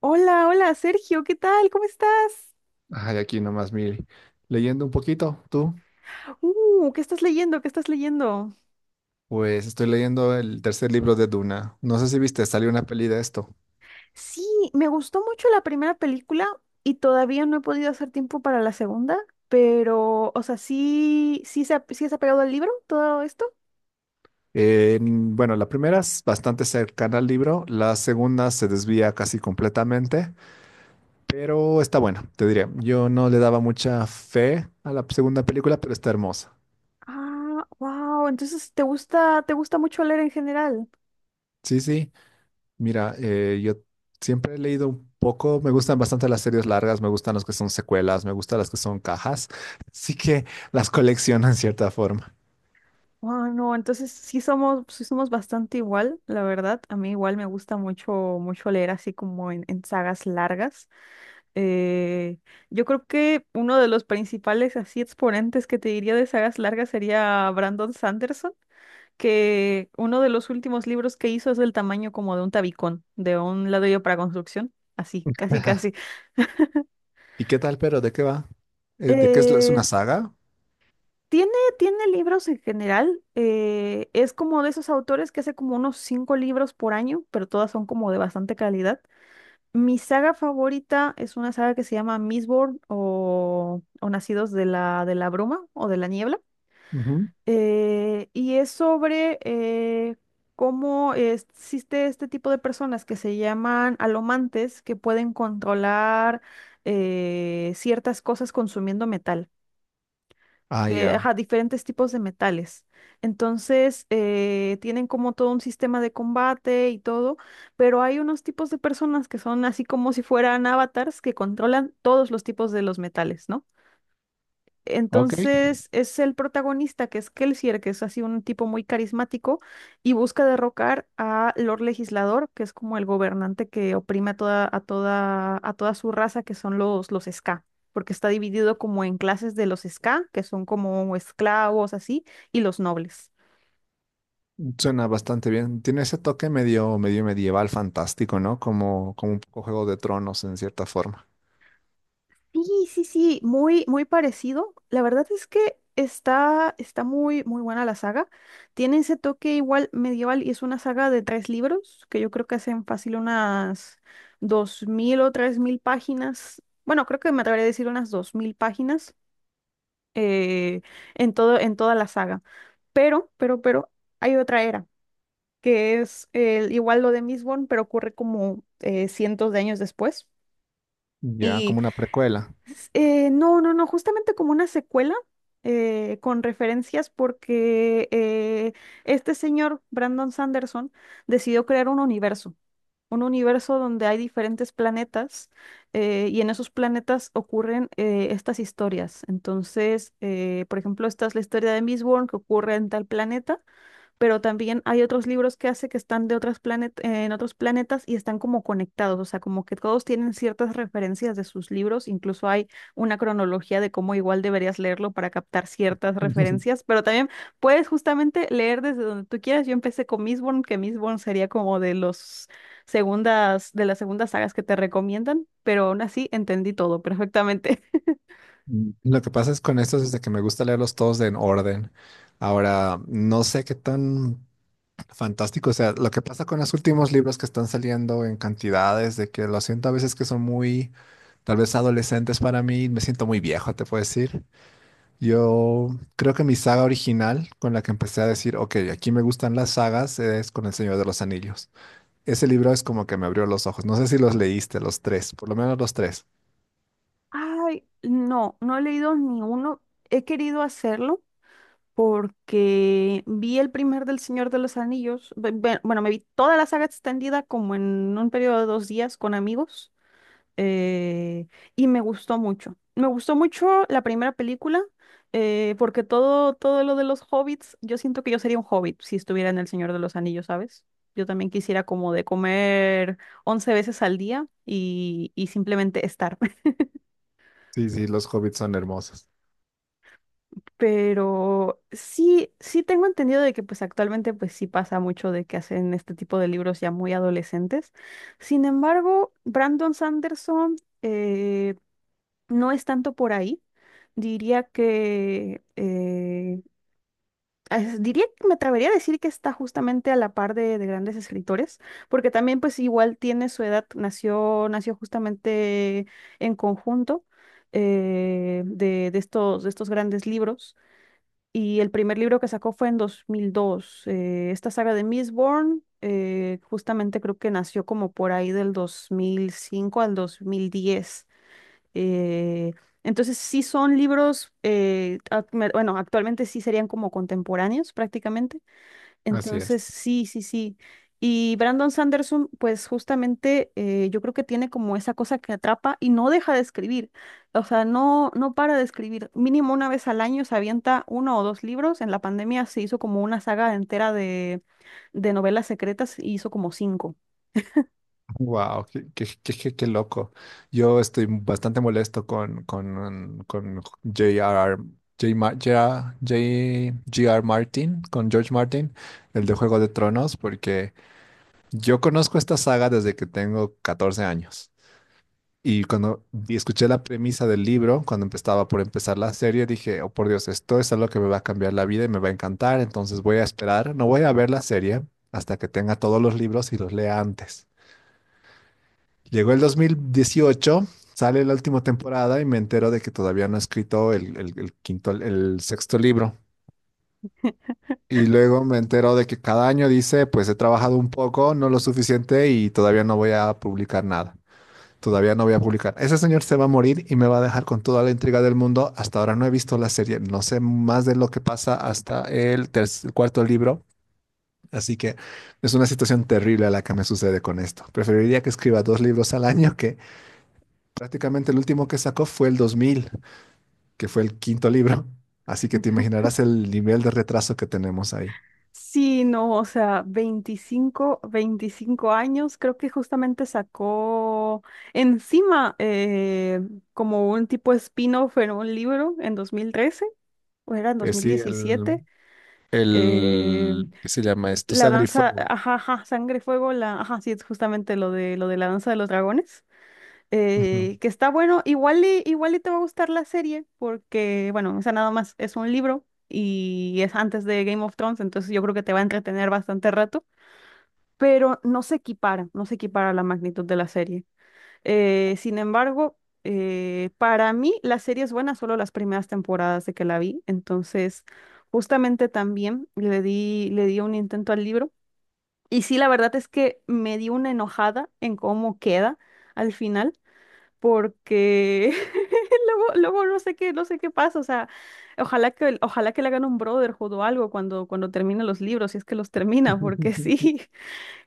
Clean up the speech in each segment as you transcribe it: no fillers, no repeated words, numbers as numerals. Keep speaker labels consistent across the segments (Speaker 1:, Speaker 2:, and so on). Speaker 1: Hola, hola, Sergio, ¿qué tal? ¿Cómo estás?
Speaker 2: Ay, aquí nomás, mire, leyendo un poquito, tú.
Speaker 1: ¿Qué estás leyendo? ¿Qué estás leyendo?
Speaker 2: Pues estoy leyendo el tercer libro de Duna. No sé si viste, salió una peli de esto.
Speaker 1: Sí, me gustó mucho la primera película y todavía no he podido hacer tiempo para la segunda, pero, o sea, sí, sí, sí se ha pegado al libro todo esto.
Speaker 2: Bueno, la primera es bastante cercana al libro, la segunda se desvía casi completamente, pero está buena, te diré. Yo no le daba mucha fe a la segunda película, pero está hermosa.
Speaker 1: Ah, wow, entonces te gusta mucho leer en general.
Speaker 2: Sí, sí, mira, yo siempre he leído un poco, me gustan bastante las series largas, me gustan las que son secuelas, me gustan las que son cajas, así que las colecciono en cierta forma.
Speaker 1: Wow, no, entonces sí somos bastante igual, la verdad. A mí igual me gusta mucho, mucho leer así como en sagas largas. Eh, yo creo que uno de los principales así exponentes que te diría de sagas largas sería Brandon Sanderson, que uno de los últimos libros que hizo es del tamaño como de un tabicón, de un ladrillo para construcción, así, casi, casi.
Speaker 2: ¿Y qué tal, pero de qué va? ¿De qué es, la- Es
Speaker 1: Eh,
Speaker 2: una saga?
Speaker 1: tiene, tiene libros en general, es como de esos autores que hace como unos cinco libros por año, pero todas son como de bastante calidad. Mi saga favorita es una saga que se llama Mistborn o Nacidos de la Bruma o de la Niebla.
Speaker 2: Ujú.
Speaker 1: Y es sobre cómo existe este tipo de personas que se llaman alomantes que pueden controlar ciertas cosas consumiendo metal.
Speaker 2: Ah, ya.
Speaker 1: Ajá, diferentes tipos de metales. Entonces, tienen como todo un sistema de combate y todo, pero hay unos tipos de personas que son así como si fueran avatars que controlan todos los tipos de los metales, ¿no?
Speaker 2: Ok,
Speaker 1: Entonces es el protagonista, que es Kelsier, que es así un tipo muy carismático, y busca derrocar a Lord Legislador, que es como el gobernante que oprime a toda su raza, que son los Ska, porque está dividido como en clases de los Ska, que son como esclavos, así, y los nobles.
Speaker 2: suena bastante bien. Tiene ese toque medio, medio medieval fantástico, ¿no? Como, como un poco Juego de Tronos en cierta forma.
Speaker 1: Sí, sí, sí, muy, muy parecido. La verdad es que está muy, muy buena la saga. Tiene ese toque igual medieval y es una saga de tres libros que yo creo que hacen fácil unas 2000 o 3000 páginas. Bueno, creo que me atrevería a decir unas 2000 páginas eh, en toda la saga. Pero hay otra era que es igual lo de Mistborn, pero ocurre como cientos de años después.
Speaker 2: Ya, como una precuela.
Speaker 1: No, no, no, justamente como una secuela con referencias porque este señor, Brandon Sanderson, decidió crear un universo donde hay diferentes planetas, y en esos planetas ocurren estas historias. Entonces, por ejemplo, esta es la historia de Mistborn que ocurre en tal planeta, pero también hay otros libros que hace que están de otras planet en otros planetas y están como conectados, o sea, como que todos tienen ciertas referencias de sus libros. Incluso hay una cronología de cómo igual deberías leerlo para captar ciertas referencias, pero también puedes justamente leer desde donde tú quieras. Yo empecé con Mistborn, que Mistborn sería como de las segundas sagas que te recomiendan, pero aún así entendí todo perfectamente.
Speaker 2: Mm, lo que pasa es con estos es de que me gusta leerlos todos en orden. Ahora, no sé qué tan fantástico, o sea, lo que pasa con los últimos libros que están saliendo en cantidades, de que lo siento a veces que son muy, tal vez adolescentes para mí, me siento muy viejo, te puedo decir. Yo creo que mi saga original con la que empecé a decir, ok, aquí me gustan las sagas, es con El Señor de los Anillos. Ese libro es como que me abrió los ojos. No sé si los leíste, los tres, por lo menos los tres.
Speaker 1: Ay, no, no he leído ni uno. He querido hacerlo porque vi el primer del Señor de los Anillos, bueno, me vi toda la saga extendida como en un periodo de 2 días con amigos, eh, y me gustó mucho. Me gustó mucho la primera película, porque todo, todo lo de los hobbits, yo siento que yo sería un hobbit si estuviera en el Señor de los Anillos, ¿sabes? Yo también quisiera como de comer 11 veces al día y simplemente estar.
Speaker 2: Sí, sí, los hobbits son hermosos.
Speaker 1: Pero sí, sí tengo entendido de que pues actualmente pues sí pasa mucho de que hacen este tipo de libros ya muy adolescentes. Sin embargo, Brandon Sanderson eh, no es tanto por ahí. Diría que diría que me atrevería a decir que está justamente a la par de, grandes escritores, porque también pues igual tiene su edad, nació justamente en conjunto de estos grandes libros. Y el primer libro que sacó fue en 2002. Esta saga de Mistborn, justamente creo que nació como por ahí del 2005 al 2010. Eh, entonces sí son libros, bueno, actualmente sí serían como contemporáneos prácticamente,
Speaker 2: Así
Speaker 1: entonces,
Speaker 2: es.
Speaker 1: sí, sí, sí. Y Brandon Sanderson, pues justamente yo creo que tiene como esa cosa que atrapa y no deja de escribir. O sea, no, no para de escribir. Mínimo una vez al año se avienta uno o dos libros. En la pandemia se hizo como una saga entera de novelas secretas y hizo como cinco.
Speaker 2: Wow, qué loco. Yo estoy bastante molesto con J R J. Ma- J J. G R Martin, con George Martin, el de Juego de Tronos, porque yo conozco esta saga desde que tengo 14 años. Y cuando escuché la premisa del libro, cuando empezaba por empezar la serie, dije, oh por Dios, esto es algo que me va a cambiar la vida y me va a encantar, entonces voy a esperar, no voy a ver la serie hasta que tenga todos los libros y los lea antes. Llegó el 2018, sale la última temporada y me entero de que todavía no he escrito el quinto, el sexto libro. Y luego me entero de que cada año dice, pues he trabajado un poco, no lo suficiente y todavía no voy a publicar nada. Todavía no voy a publicar. Ese señor se va a morir y me va a dejar con toda la intriga del mundo. Hasta ahora no he visto la serie, no sé más de lo que pasa hasta el cuarto libro. Así que es una situación terrible a la que me sucede con esto. Preferiría que escriba dos libros al año, que prácticamente el último que sacó fue el 2000, que fue el quinto libro. Así que te imaginarás el nivel de retraso que tenemos ahí.
Speaker 1: Sí, no, o sea, veinticinco años, creo que justamente sacó encima como un tipo spin-off en un libro en 2013 o era en
Speaker 2: Eh, sí, el,
Speaker 1: 2017, eh,
Speaker 2: ¿Qué se llama esto?
Speaker 1: la
Speaker 2: Sangre y
Speaker 1: danza,
Speaker 2: fuego.
Speaker 1: ajá, ajá, Sangre, Fuego, ajá, sí, es justamente lo de, la danza de los dragones,
Speaker 2: Ujú.
Speaker 1: que está bueno, igual y te va a gustar la serie, porque, bueno, esa nada más es un libro y es antes de Game of Thrones, entonces yo creo que te va a entretener bastante rato, pero no se equipara, no se equipara la magnitud de la serie. Sin embargo, para mí la serie es buena solo las primeras temporadas de que la vi, entonces justamente también le di, un intento al libro y sí, la verdad es que me di una enojada en cómo queda al final, porque luego, luego no sé qué pasa, o sea, ojalá que le hagan un Brotherhood o algo cuando termine los libros, si es que los termina, porque sí.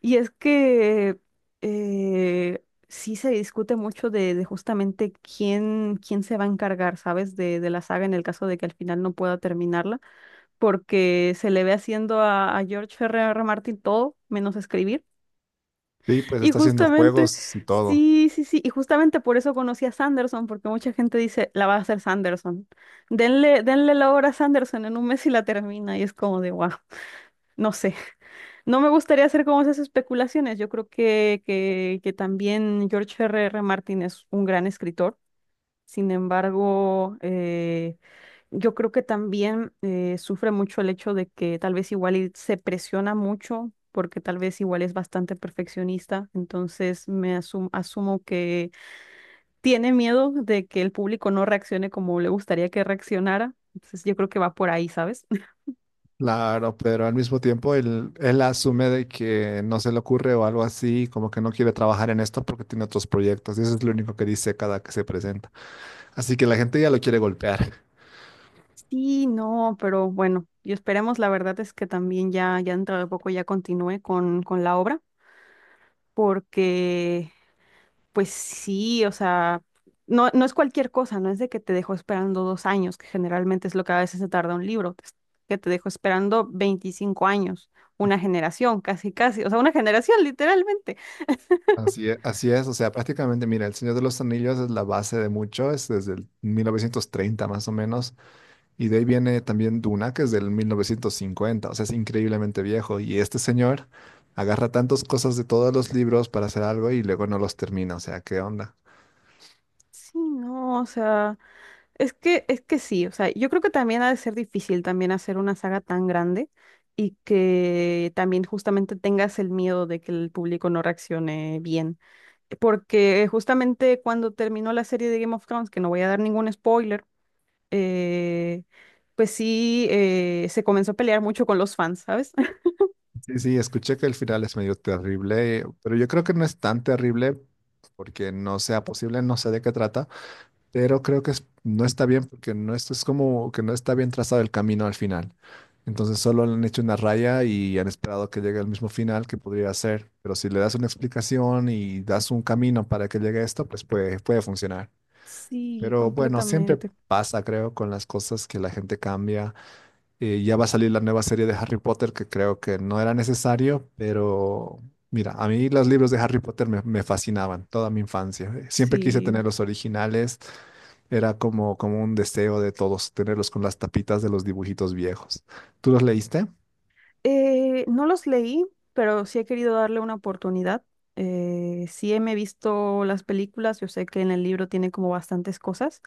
Speaker 1: Y es que sí se discute mucho de, justamente quién se va a encargar, ¿sabes? de la saga en el caso de que al final no pueda terminarla, porque se le ve haciendo a George R.R. Martin todo menos escribir.
Speaker 2: Sí, pues
Speaker 1: Y
Speaker 2: está haciendo
Speaker 1: justamente,
Speaker 2: juegos y todo.
Speaker 1: sí, sí, sí, y justamente por eso conocí a Sanderson, porque mucha gente dice, la va a hacer Sanderson. Denle la obra a Sanderson en un mes y la termina, y es como de, wow. No sé, no me gustaría hacer como esas especulaciones. Yo creo que también George R. R. Martin es un gran escritor. Sin embargo, yo creo que también sufre mucho el hecho de que tal vez igual y se presiona mucho porque tal vez igual es bastante perfeccionista. Entonces me asumo que tiene miedo de que el público no reaccione como le gustaría que reaccionara. Entonces yo creo que va por ahí, ¿sabes?
Speaker 2: Claro, pero al mismo tiempo él asume de que no se le ocurre o algo así, como que no quiere trabajar en esto porque tiene otros proyectos. Y eso es lo único que dice cada que se presenta. Así que la gente ya lo quiere golpear.
Speaker 1: Sí, no, pero bueno, y esperemos, la verdad es que también ya dentro de poco ya continúe con la obra, porque pues sí, o sea, no, no es cualquier cosa, no es de que te dejo esperando 2 años, que generalmente es lo que a veces se tarda un libro, es que te dejo esperando 25 años, una generación, casi, casi, o sea, una generación literalmente.
Speaker 2: Así es, o sea, prácticamente, mira, El Señor de los Anillos es la base de mucho, es desde el 1930 más o menos, y de ahí viene también Duna, que es del 1950, o sea, es increíblemente viejo, y este señor agarra tantas cosas de todos los libros para hacer algo y luego no los termina, o sea, ¿qué onda?
Speaker 1: Sí, no, o sea. Es que sí, o sea, yo creo que también ha de ser difícil también hacer una saga tan grande y que también justamente tengas el miedo de que el público no reaccione bien. Porque justamente cuando terminó la serie de Game of Thrones, que no voy a dar ningún spoiler, eh, pues sí, se comenzó a pelear mucho con los fans, ¿sabes?
Speaker 2: Sí, sí, escuché que el final es medio terrible, pero yo creo que no es tan terrible porque no sea posible, no sé de qué trata, pero creo que no está bien porque no es, es como que no está bien trazado el camino al final. Entonces solo le han hecho una raya y han esperado que llegue al mismo final que podría ser, pero si le das una explicación y das un camino para que llegue a esto, pues puede, puede funcionar.
Speaker 1: Sí,
Speaker 2: Pero bueno, siempre
Speaker 1: completamente.
Speaker 2: pasa, creo, con las cosas que la gente cambia. Ya va a salir la nueva serie de Harry Potter, que creo que no era necesario, pero mira, a mí los libros de Harry Potter me fascinaban toda mi infancia. Siempre quise tener
Speaker 1: Sí.
Speaker 2: los originales, era como, como un deseo de todos tenerlos con las tapitas de los dibujitos viejos. ¿Tú los leíste?
Speaker 1: No los leí, pero sí he querido darle una oportunidad. Sí me he visto las películas, yo sé que en el libro tiene como bastantes cosas,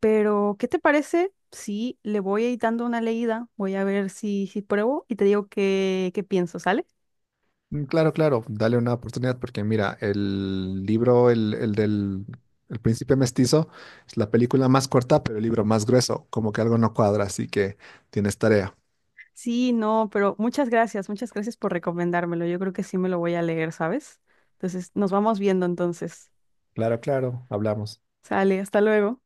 Speaker 1: pero ¿qué te parece si le voy a ir dando una leída? Voy a ver si pruebo y te digo qué pienso, ¿sale?
Speaker 2: Mm, claro, claro, dale una oportunidad porque mira, el del El Príncipe Mestizo, es la película más corta, pero el libro más grueso, como que algo no cuadra, así que tienes tarea.
Speaker 1: Sí, no, pero muchas gracias por recomendármelo. Yo creo que sí me lo voy a leer, ¿sabes? Entonces, nos vamos viendo entonces.
Speaker 2: Claro, claro, hablamos.
Speaker 1: Sale, hasta luego.